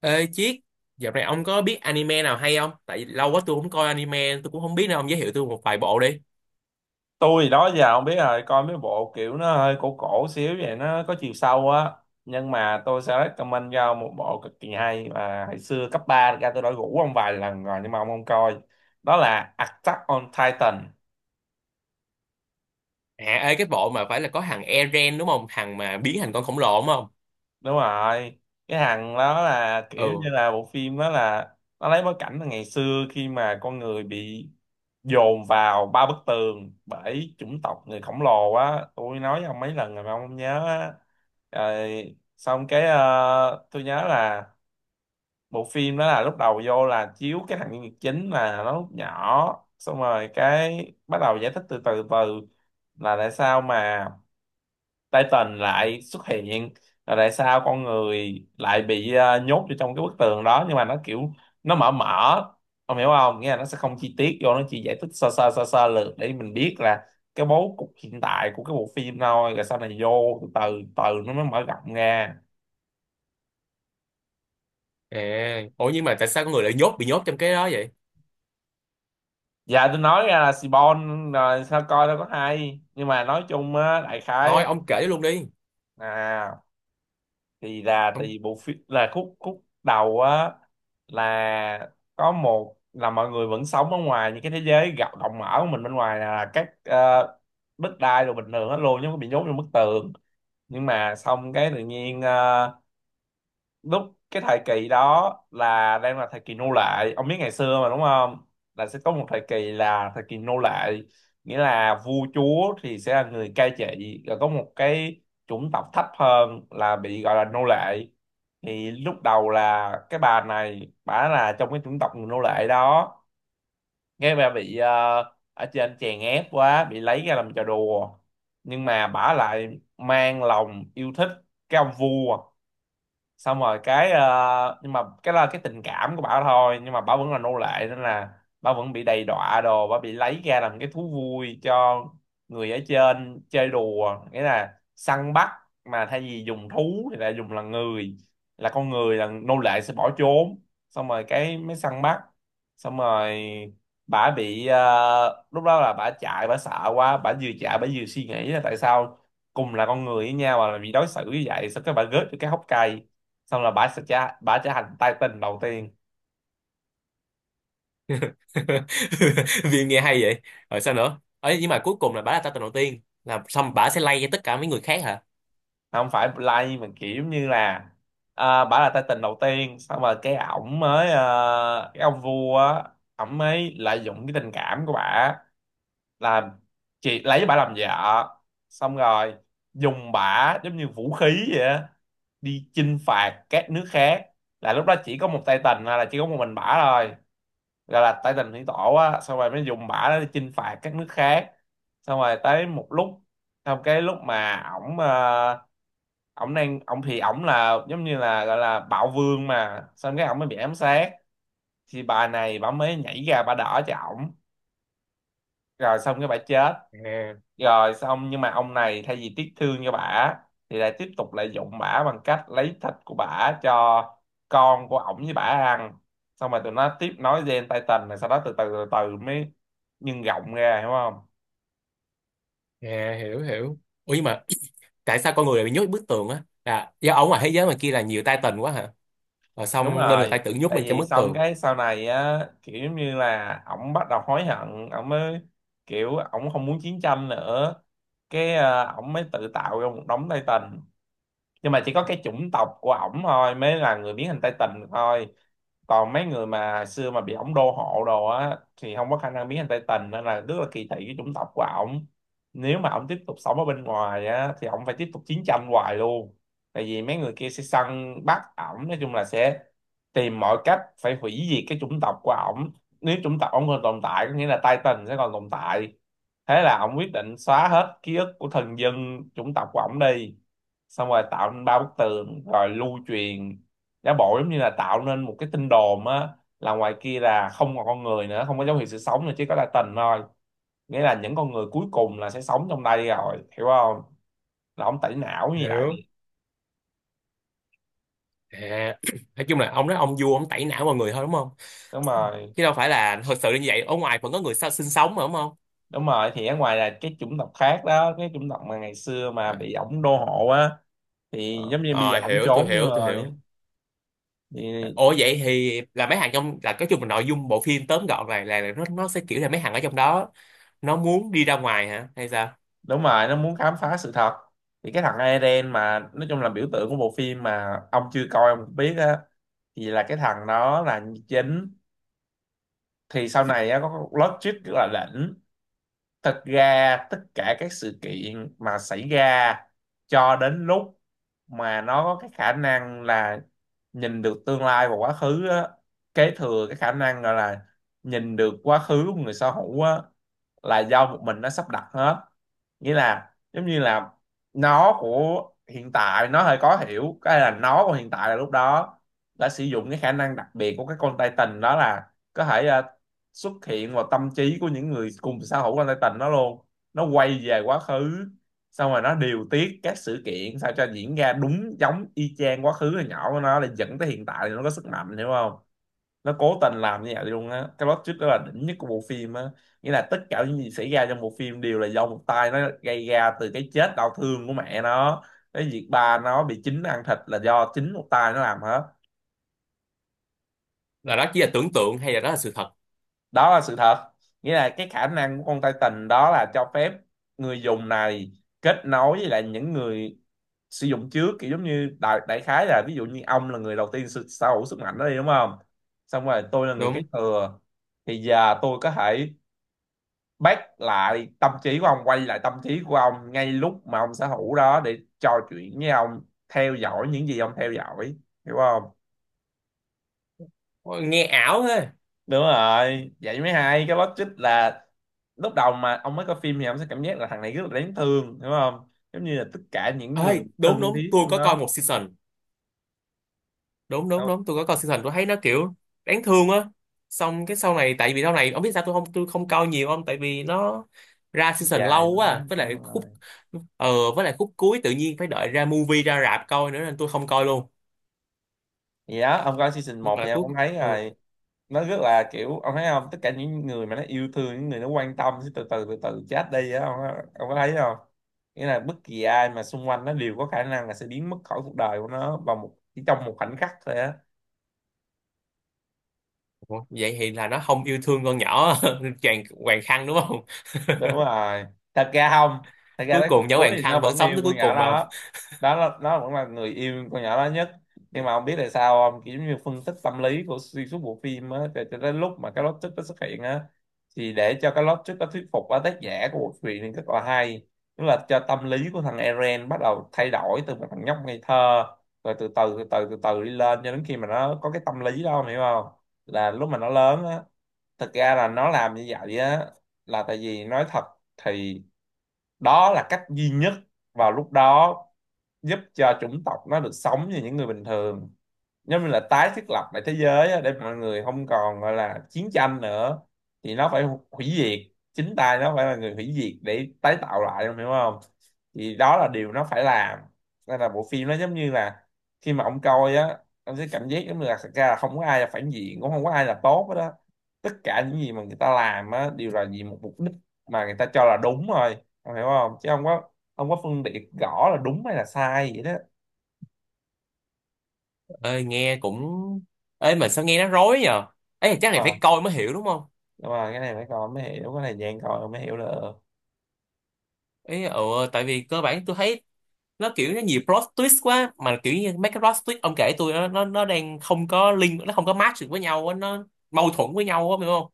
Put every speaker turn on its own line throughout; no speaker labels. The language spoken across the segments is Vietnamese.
Ê Chiết, dạo này ông có biết anime nào hay không? Tại vì lâu quá tôi không coi anime, tôi cũng không biết, nên ông giới thiệu tôi một vài bộ đi.
Tôi đó giờ không biết, rồi coi mấy bộ kiểu nó hơi cổ cổ xíu vậy, nó có chiều sâu á. Nhưng mà tôi sẽ recommend cho ông một bộ cực kỳ hay mà hồi xưa cấp 3 ra tôi đã rủ ông vài lần rồi nhưng mà ông không coi. Đó là Attack on Titan.
À, ê, cái bộ mà phải là có thằng Eren đúng không? Thằng mà biến thành con khổng lồ đúng không?
Đúng rồi. Cái hàng đó là kiểu như
Ừ.
là bộ phim đó là, nó lấy bối cảnh là ngày xưa khi mà con người bị dồn vào ba bức tường bởi chủng tộc người khổng lồ á. Tôi nói với ông mấy lần rồi mà ông không nhớ á. Rồi xong cái tôi nhớ là bộ phim đó là lúc đầu vô là chiếu cái thằng nhân vật chính là nó lúc nhỏ, xong rồi cái bắt đầu giải thích từ từ từ là tại sao mà Titan lại xuất hiện, rồi tại sao con người lại bị nhốt vô trong cái bức tường đó. Nhưng mà nó kiểu nó mở mở, ông hiểu không, nghĩa là nó sẽ không chi tiết vô, nó chỉ giải thích sơ sơ sơ sơ lược để mình biết là cái bố cục hiện tại của cái bộ phim thôi, rồi sau này vô từ từ từ nó mới mở rộng ra.
À, ủa nhưng mà tại sao con người lại bị nhốt trong cái đó vậy?
Dạ tôi nói ra là Seaborn rồi sao coi đâu có hay, nhưng mà nói chung á đại khái
Thôi
á,
ông kể luôn đi.
à, thì là tại
Ông...
vì bộ phim là khúc khúc đầu á, là có một là mọi người vẫn sống ở ngoài những cái thế giới gặp rộng mở của mình, bên ngoài là các đất đai rồi bình thường hết luôn, chứ không có bị nhốt trong bức tường. Nhưng mà xong cái tự nhiên lúc cái thời kỳ đó là đang là thời kỳ nô lệ, ông biết ngày xưa mà đúng không, là sẽ có một thời kỳ là thời kỳ nô lệ, nghĩa là vua chúa thì sẽ là người cai trị, rồi có một cái chủng tộc thấp hơn là bị gọi là nô lệ. Thì lúc đầu là cái bà này, bà là trong cái chủng tộc người nô lệ đó, nghe bà bị ở trên chèn ép quá, bị lấy ra làm trò đùa, nhưng mà bà lại mang lòng yêu thích cái ông vua. Xong rồi cái nhưng mà cái là cái tình cảm của bảo thôi, nhưng mà bảo vẫn là nô lệ nên là bảo vẫn bị đầy đọa đồ, bảo bị lấy ra làm cái thú vui cho người ở trên chơi đùa, nghĩa là săn bắt, mà thay vì dùng thú thì lại dùng là người, là con người là nô lệ sẽ bỏ trốn, xong rồi cái mới săn bắt. Xong rồi bả bị lúc đó là bả chạy, bả sợ quá, bả vừa chạy bả vừa suy nghĩ là tại sao cùng là con người với nhau mà bị đối xử như vậy, sao cái bả rớt được cái hốc cây, xong là bà trở thành Titan đầu tiên.
Vì nghe hay vậy. Rồi sao nữa? Ấy nhưng mà cuối cùng là bả là ta tình đầu tiên. Là xong bả sẽ lay cho tất cả mấy người khác hả?
Không phải Blade mà kiểu như là, à, bà là Titan đầu tiên. Xong rồi cái ổng mới cái ông vua á, ổng mới lợi dụng cái tình cảm của bà, là chị lấy bà làm vợ, xong rồi dùng bà giống như vũ khí vậy á, đi chinh phạt các nước khác. Là lúc đó chỉ có một Titan, hay là chỉ có một mình bả thôi, gọi là tay tình thủy tổ á, xong rồi mới dùng bả đó để chinh phạt các nước khác. Xong rồi tới một lúc, xong cái lúc mà ổng ờ, ổng đang ổng thì ổng là giống như là gọi là bạo vương mà, xong cái ổng mới bị ám sát, thì bà này bà mới nhảy ra bà đỡ cho ổng, rồi xong cái bà chết.
À.
Rồi xong nhưng mà ông này thay vì tiếc thương cho bả thì lại tiếp tục lại dụng bả bằng cách lấy thịt của bả cho con của ổng với bả ăn, xong rồi tụi nó tiếp nối gen tay Titan, rồi sau đó từ từ từ từ mới nhân rộng ra, hiểu không.
À, hiểu hiểu. Ủa nhưng mà tại sao con người lại bị nhốt bức tường á? Là do ở ngoài thế giới mà kia là nhiều Titan quá hả? Rồi
Đúng
xong nên người ta
rồi,
tự nhốt
tại
mình trong
vì
bức
xong
tường.
cái sau này á kiểu giống như là ổng bắt đầu hối hận, ổng mới kiểu ổng không muốn chiến tranh nữa, cái ổng mới tự tạo ra một đống tay Titan, nhưng mà chỉ có cái chủng tộc của ổng thôi mới là người biến hình Tây Tình thôi, còn mấy người mà xưa mà bị ổng đô hộ đồ á thì không có khả năng biến thành Tây Tình, nên là rất là kỳ thị cái chủng tộc của ổng. Nếu mà ổng tiếp tục sống ở bên ngoài á thì ổng phải tiếp tục chiến tranh hoài luôn, tại vì mấy người kia sẽ săn bắt ổng, nói chung là sẽ tìm mọi cách phải hủy diệt cái chủng tộc của ổng. Nếu chủng tộc ổng còn tồn tại có nghĩa là Titan sẽ còn tồn tại. Thế là ổng quyết định xóa hết ký ức của thần dân chủng tộc của ổng đi, xong rồi tạo nên ba bức tường rồi lưu truyền, giả bộ giống như là tạo nên một cái tin đồn á, là ngoài kia là không còn con người nữa, không có dấu hiệu sự sống nữa, chỉ có là tình thôi, nghĩa là những con người cuối cùng là sẽ sống trong đây rồi, hiểu không, là ông tẩy não như vậy.
Hiểu. À, nói chung là ông nói ông vua ông tẩy não mọi người thôi đúng không?
Đúng rồi.
Chứ đâu phải là thật sự là như vậy. Ở ngoài vẫn có người sao sinh sống mà đúng không?
Đúng rồi, thì ở ngoài là cái chủng tộc khác đó, cái chủng tộc mà ngày xưa mà
À,
bị ổng đô hộ á. Thì
ờ,
giống như bây giờ
ờ,
ổng
hiểu tôi
trốn nhưng
hiểu tôi
rồi
hiểu.
thì,
Ủa vậy thì là mấy hàng trong là cái chung là nội dung bộ phim tóm gọn này là nó sẽ kiểu là mấy hàng ở trong đó nó muốn đi ra ngoài hả hay sao?
đúng rồi, nó muốn khám phá sự thật. Thì cái thằng Eren mà nói chung là biểu tượng của bộ phim mà ông chưa coi ông cũng biết á, thì là cái thằng đó là chính, thì sau này á có plot twist rất là đỉnh. Thật ra tất cả các sự kiện mà xảy ra cho đến lúc mà nó có cái khả năng là nhìn được tương lai và quá khứ á, kế thừa cái khả năng gọi là nhìn được quá khứ của người sở hữu á, là do một mình nó sắp đặt hết. Nghĩa là giống như là, nó của hiện tại nó hơi khó hiểu, cái là nó của hiện tại là lúc đó đã sử dụng cái khả năng đặc biệt của cái con Titan đó, là có thể xuất hiện vào tâm trí của những người cùng sở hữu con Titan đó luôn. Nó quay về quá khứ, xong rồi nó điều tiết các sự kiện sao cho diễn ra đúng giống y chang quá khứ hồi nhỏ của nó, để dẫn tới hiện tại thì nó có sức mạnh, hiểu không. Nó cố tình làm như vậy luôn á, cái plot twist đó là đỉnh nhất của bộ phim á. Nghĩa là tất cả những gì xảy ra trong bộ phim đều là do một tay nó gây ra, từ cái chết đau thương của mẹ nó, cái việc ba nó bị chính ăn thịt là do chính một tay nó làm hết.
Là đó chỉ là tưởng tượng hay là đó là sự thật?
Đó là sự thật. Nghĩa là cái khả năng của con Titan đó là cho phép người dùng này kết nối với lại những người sử dụng trước, kiểu giống như đại khái là ví dụ như ông là người đầu tiên sở sở hữu sức mạnh đó đi đúng không, xong rồi tôi là người kế
Đúng.
thừa, thì giờ tôi có thể bắt lại tâm trí của ông, quay lại tâm trí của ông ngay lúc mà ông sở hữu đó để trò chuyện với ông, theo dõi những gì ông theo dõi, hiểu không.
Ôi, nghe ảo thế.
Đúng rồi, vậy mới hay, cái logic là lúc đầu mà ông mới coi phim thì ông sẽ cảm giác là thằng này rất là đáng thương đúng không, giống như là tất cả những người
Ai, đúng
thân
đúng
thiết
tôi
của
có coi
nó.
một season, đúng đúng
Đâu,
đúng tôi có coi season, tôi thấy nó kiểu đáng thương á. Xong cái sau này, tại vì sau này ông biết sao tôi không coi nhiều không, tại vì nó ra season
dài
lâu quá
quá
à. với lại
đúng
khúc
rồi,
ờ với lại khúc cuối tự nhiên phải đợi ra movie ra rạp coi nữa nên tôi không coi luôn,
gì đó. Ông coi season
nhưng
một thì
mà
ông
cuối...
cũng thấy
Ừ.
rồi, nó rất là kiểu, ông thấy không, tất cả những người mà nó yêu thương, những người nó quan tâm sẽ từ từ từ từ chết đi á, ông có thấy không. Nghĩa là bất kỳ ai mà xung quanh nó đều có khả năng là sẽ biến mất khỏi cuộc đời của nó vào một, chỉ trong một khoảnh khắc thôi á.
Ủa, vậy thì là nó không yêu thương con nhỏ Hoàng Hoàng Khăn đúng không?
Đúng rồi, thật ra không, thật ra
Cuối
tới khúc
cùng nhỏ
cuối
Hoàng
thì nó
Khăn vẫn
vẫn
sống
yêu
tới
con
cuối
nhỏ
cùng mà không?
đó. Đó là, nó vẫn là người yêu con nhỏ đó nhất, nhưng mà không biết tại sao không, kiểu giống như phân tích tâm lý của xuyên suốt bộ phim á, cho đến lúc mà cái plot twist nó xuất hiện á. Thì để cho cái plot twist nó thuyết phục á, tác giả của bộ truyện thì rất là hay, tức là cho tâm lý của thằng Eren bắt đầu thay đổi từ một thằng nhóc ngây thơ rồi từ từ từ từ từ từ đi lên cho đến khi mà nó có cái tâm lý đó, ông hiểu không, là lúc mà nó lớn á. Thực ra là nó làm như vậy á là tại vì nói thật thì đó là cách duy nhất vào lúc đó giúp cho chủng tộc nó được sống như những người bình thường, giống như là tái thiết lập lại thế giới á, để mọi người không còn gọi là chiến tranh nữa, thì nó phải hủy diệt, chính tay nó phải là người hủy diệt để tái tạo lại, em hiểu không. Thì đó là điều nó phải làm. Nên là bộ phim nó giống như là, khi mà ông coi á, ông sẽ cảm giác giống như là thật ra là không có ai là phản diện, cũng không có ai là tốt hết đó, tất cả những gì mà người ta làm á đều là vì một mục đích mà người ta cho là đúng thôi, em hiểu không, chứ không có, không có phân biệt rõ là đúng hay là sai vậy đó.
Ơi nghe cũng... Ơi mà sao nghe nó rối nhờ. Ấy chắc này phải
Mà
coi mới hiểu đúng không?
nhưng mà cái này phải coi mới hiểu, cái này dạng coi rồi mới hiểu được.
Ý ừ, tại vì cơ bản tôi thấy nó kiểu nó nhiều plot twist quá, mà kiểu như mấy cái plot twist ông kể tôi nó nó đang không có link, nó không có match được với nhau á, nó mâu thuẫn với nhau á, hiểu không?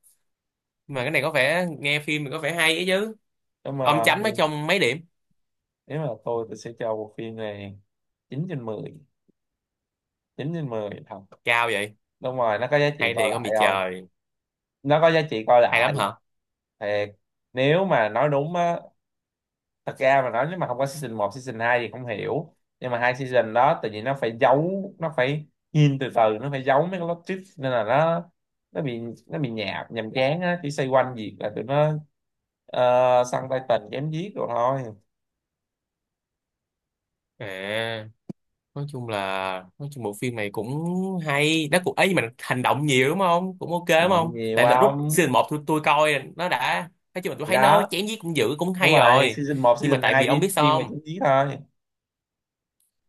Mà cái này có vẻ nghe phim thì có vẻ hay ấy chứ.
Nhưng
Ông
mà
chấm nó trong mấy điểm?
nếu mà tôi sẽ cho bộ phim này 9/10, 9/10 thật.
Cao vậy?
Đúng rồi, nó có giá trị
Hay
coi
thì không
lại
bị
không,
trời.
nó có giá trị coi
Hay
lại
lắm hả?
thiệt. Nếu mà nói đúng á, thật ra mà nói nếu mà không có season 1 season 2 thì không hiểu, nhưng mà hai season đó tự nhiên nó phải giấu, nó phải hin từ từ, nó phải giấu mấy cái plot twist nên là nó, nó bị nó bị nhạt nhàm chán á, chỉ xoay quanh việc là tụi nó săn tay tình chém giết rồi thôi.
À, nói chung là nói chung bộ phim này cũng hay, nó cũng ấy, nhưng mà hành động nhiều đúng không, cũng ok đúng
Làm
không?
gì
Tại là
qua
lúc
ông,
season một, tôi coi nó đã, nói chung là tôi
gì
thấy nó
đó.
chém giết cũng dữ cũng
Đúng
hay
rồi, thì
rồi.
season 1
Nhưng mà
season
tại
2
vì ông biết
chỉ thiên
sao
về
không?
chính trí thôi.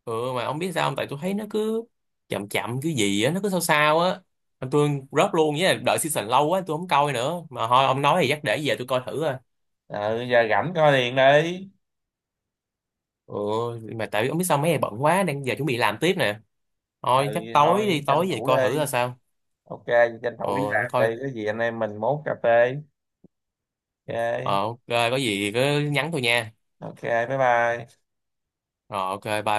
Ừ mà ông biết sao không, tại tôi thấy nó cứ chậm chậm cái gì á, nó cứ sao sao á. Mà tôi rớt luôn với là đợi season lâu quá, tôi không coi nữa mà. Thôi ông nói thì chắc để về tôi coi thử à.
Ừ, giờ rảnh coi liền đi.
Ừ. Mà tại vì ông biết sao mấy ngày bận quá, đang giờ chuẩn bị làm tiếp nè.
Ừ
Thôi chắc
thì
tối
thôi
đi
tranh
tối về
thủ
coi thử ra
đi.
sao.
Ok, tranh
Ừ.
thủ đi
Nó
làm
coi.
đi, có gì anh em mình mốt cà phê.
Ờ
Ok.
ok, có gì cứ nhắn tôi nha.
Ok, bye bye.
Rồi ok bye.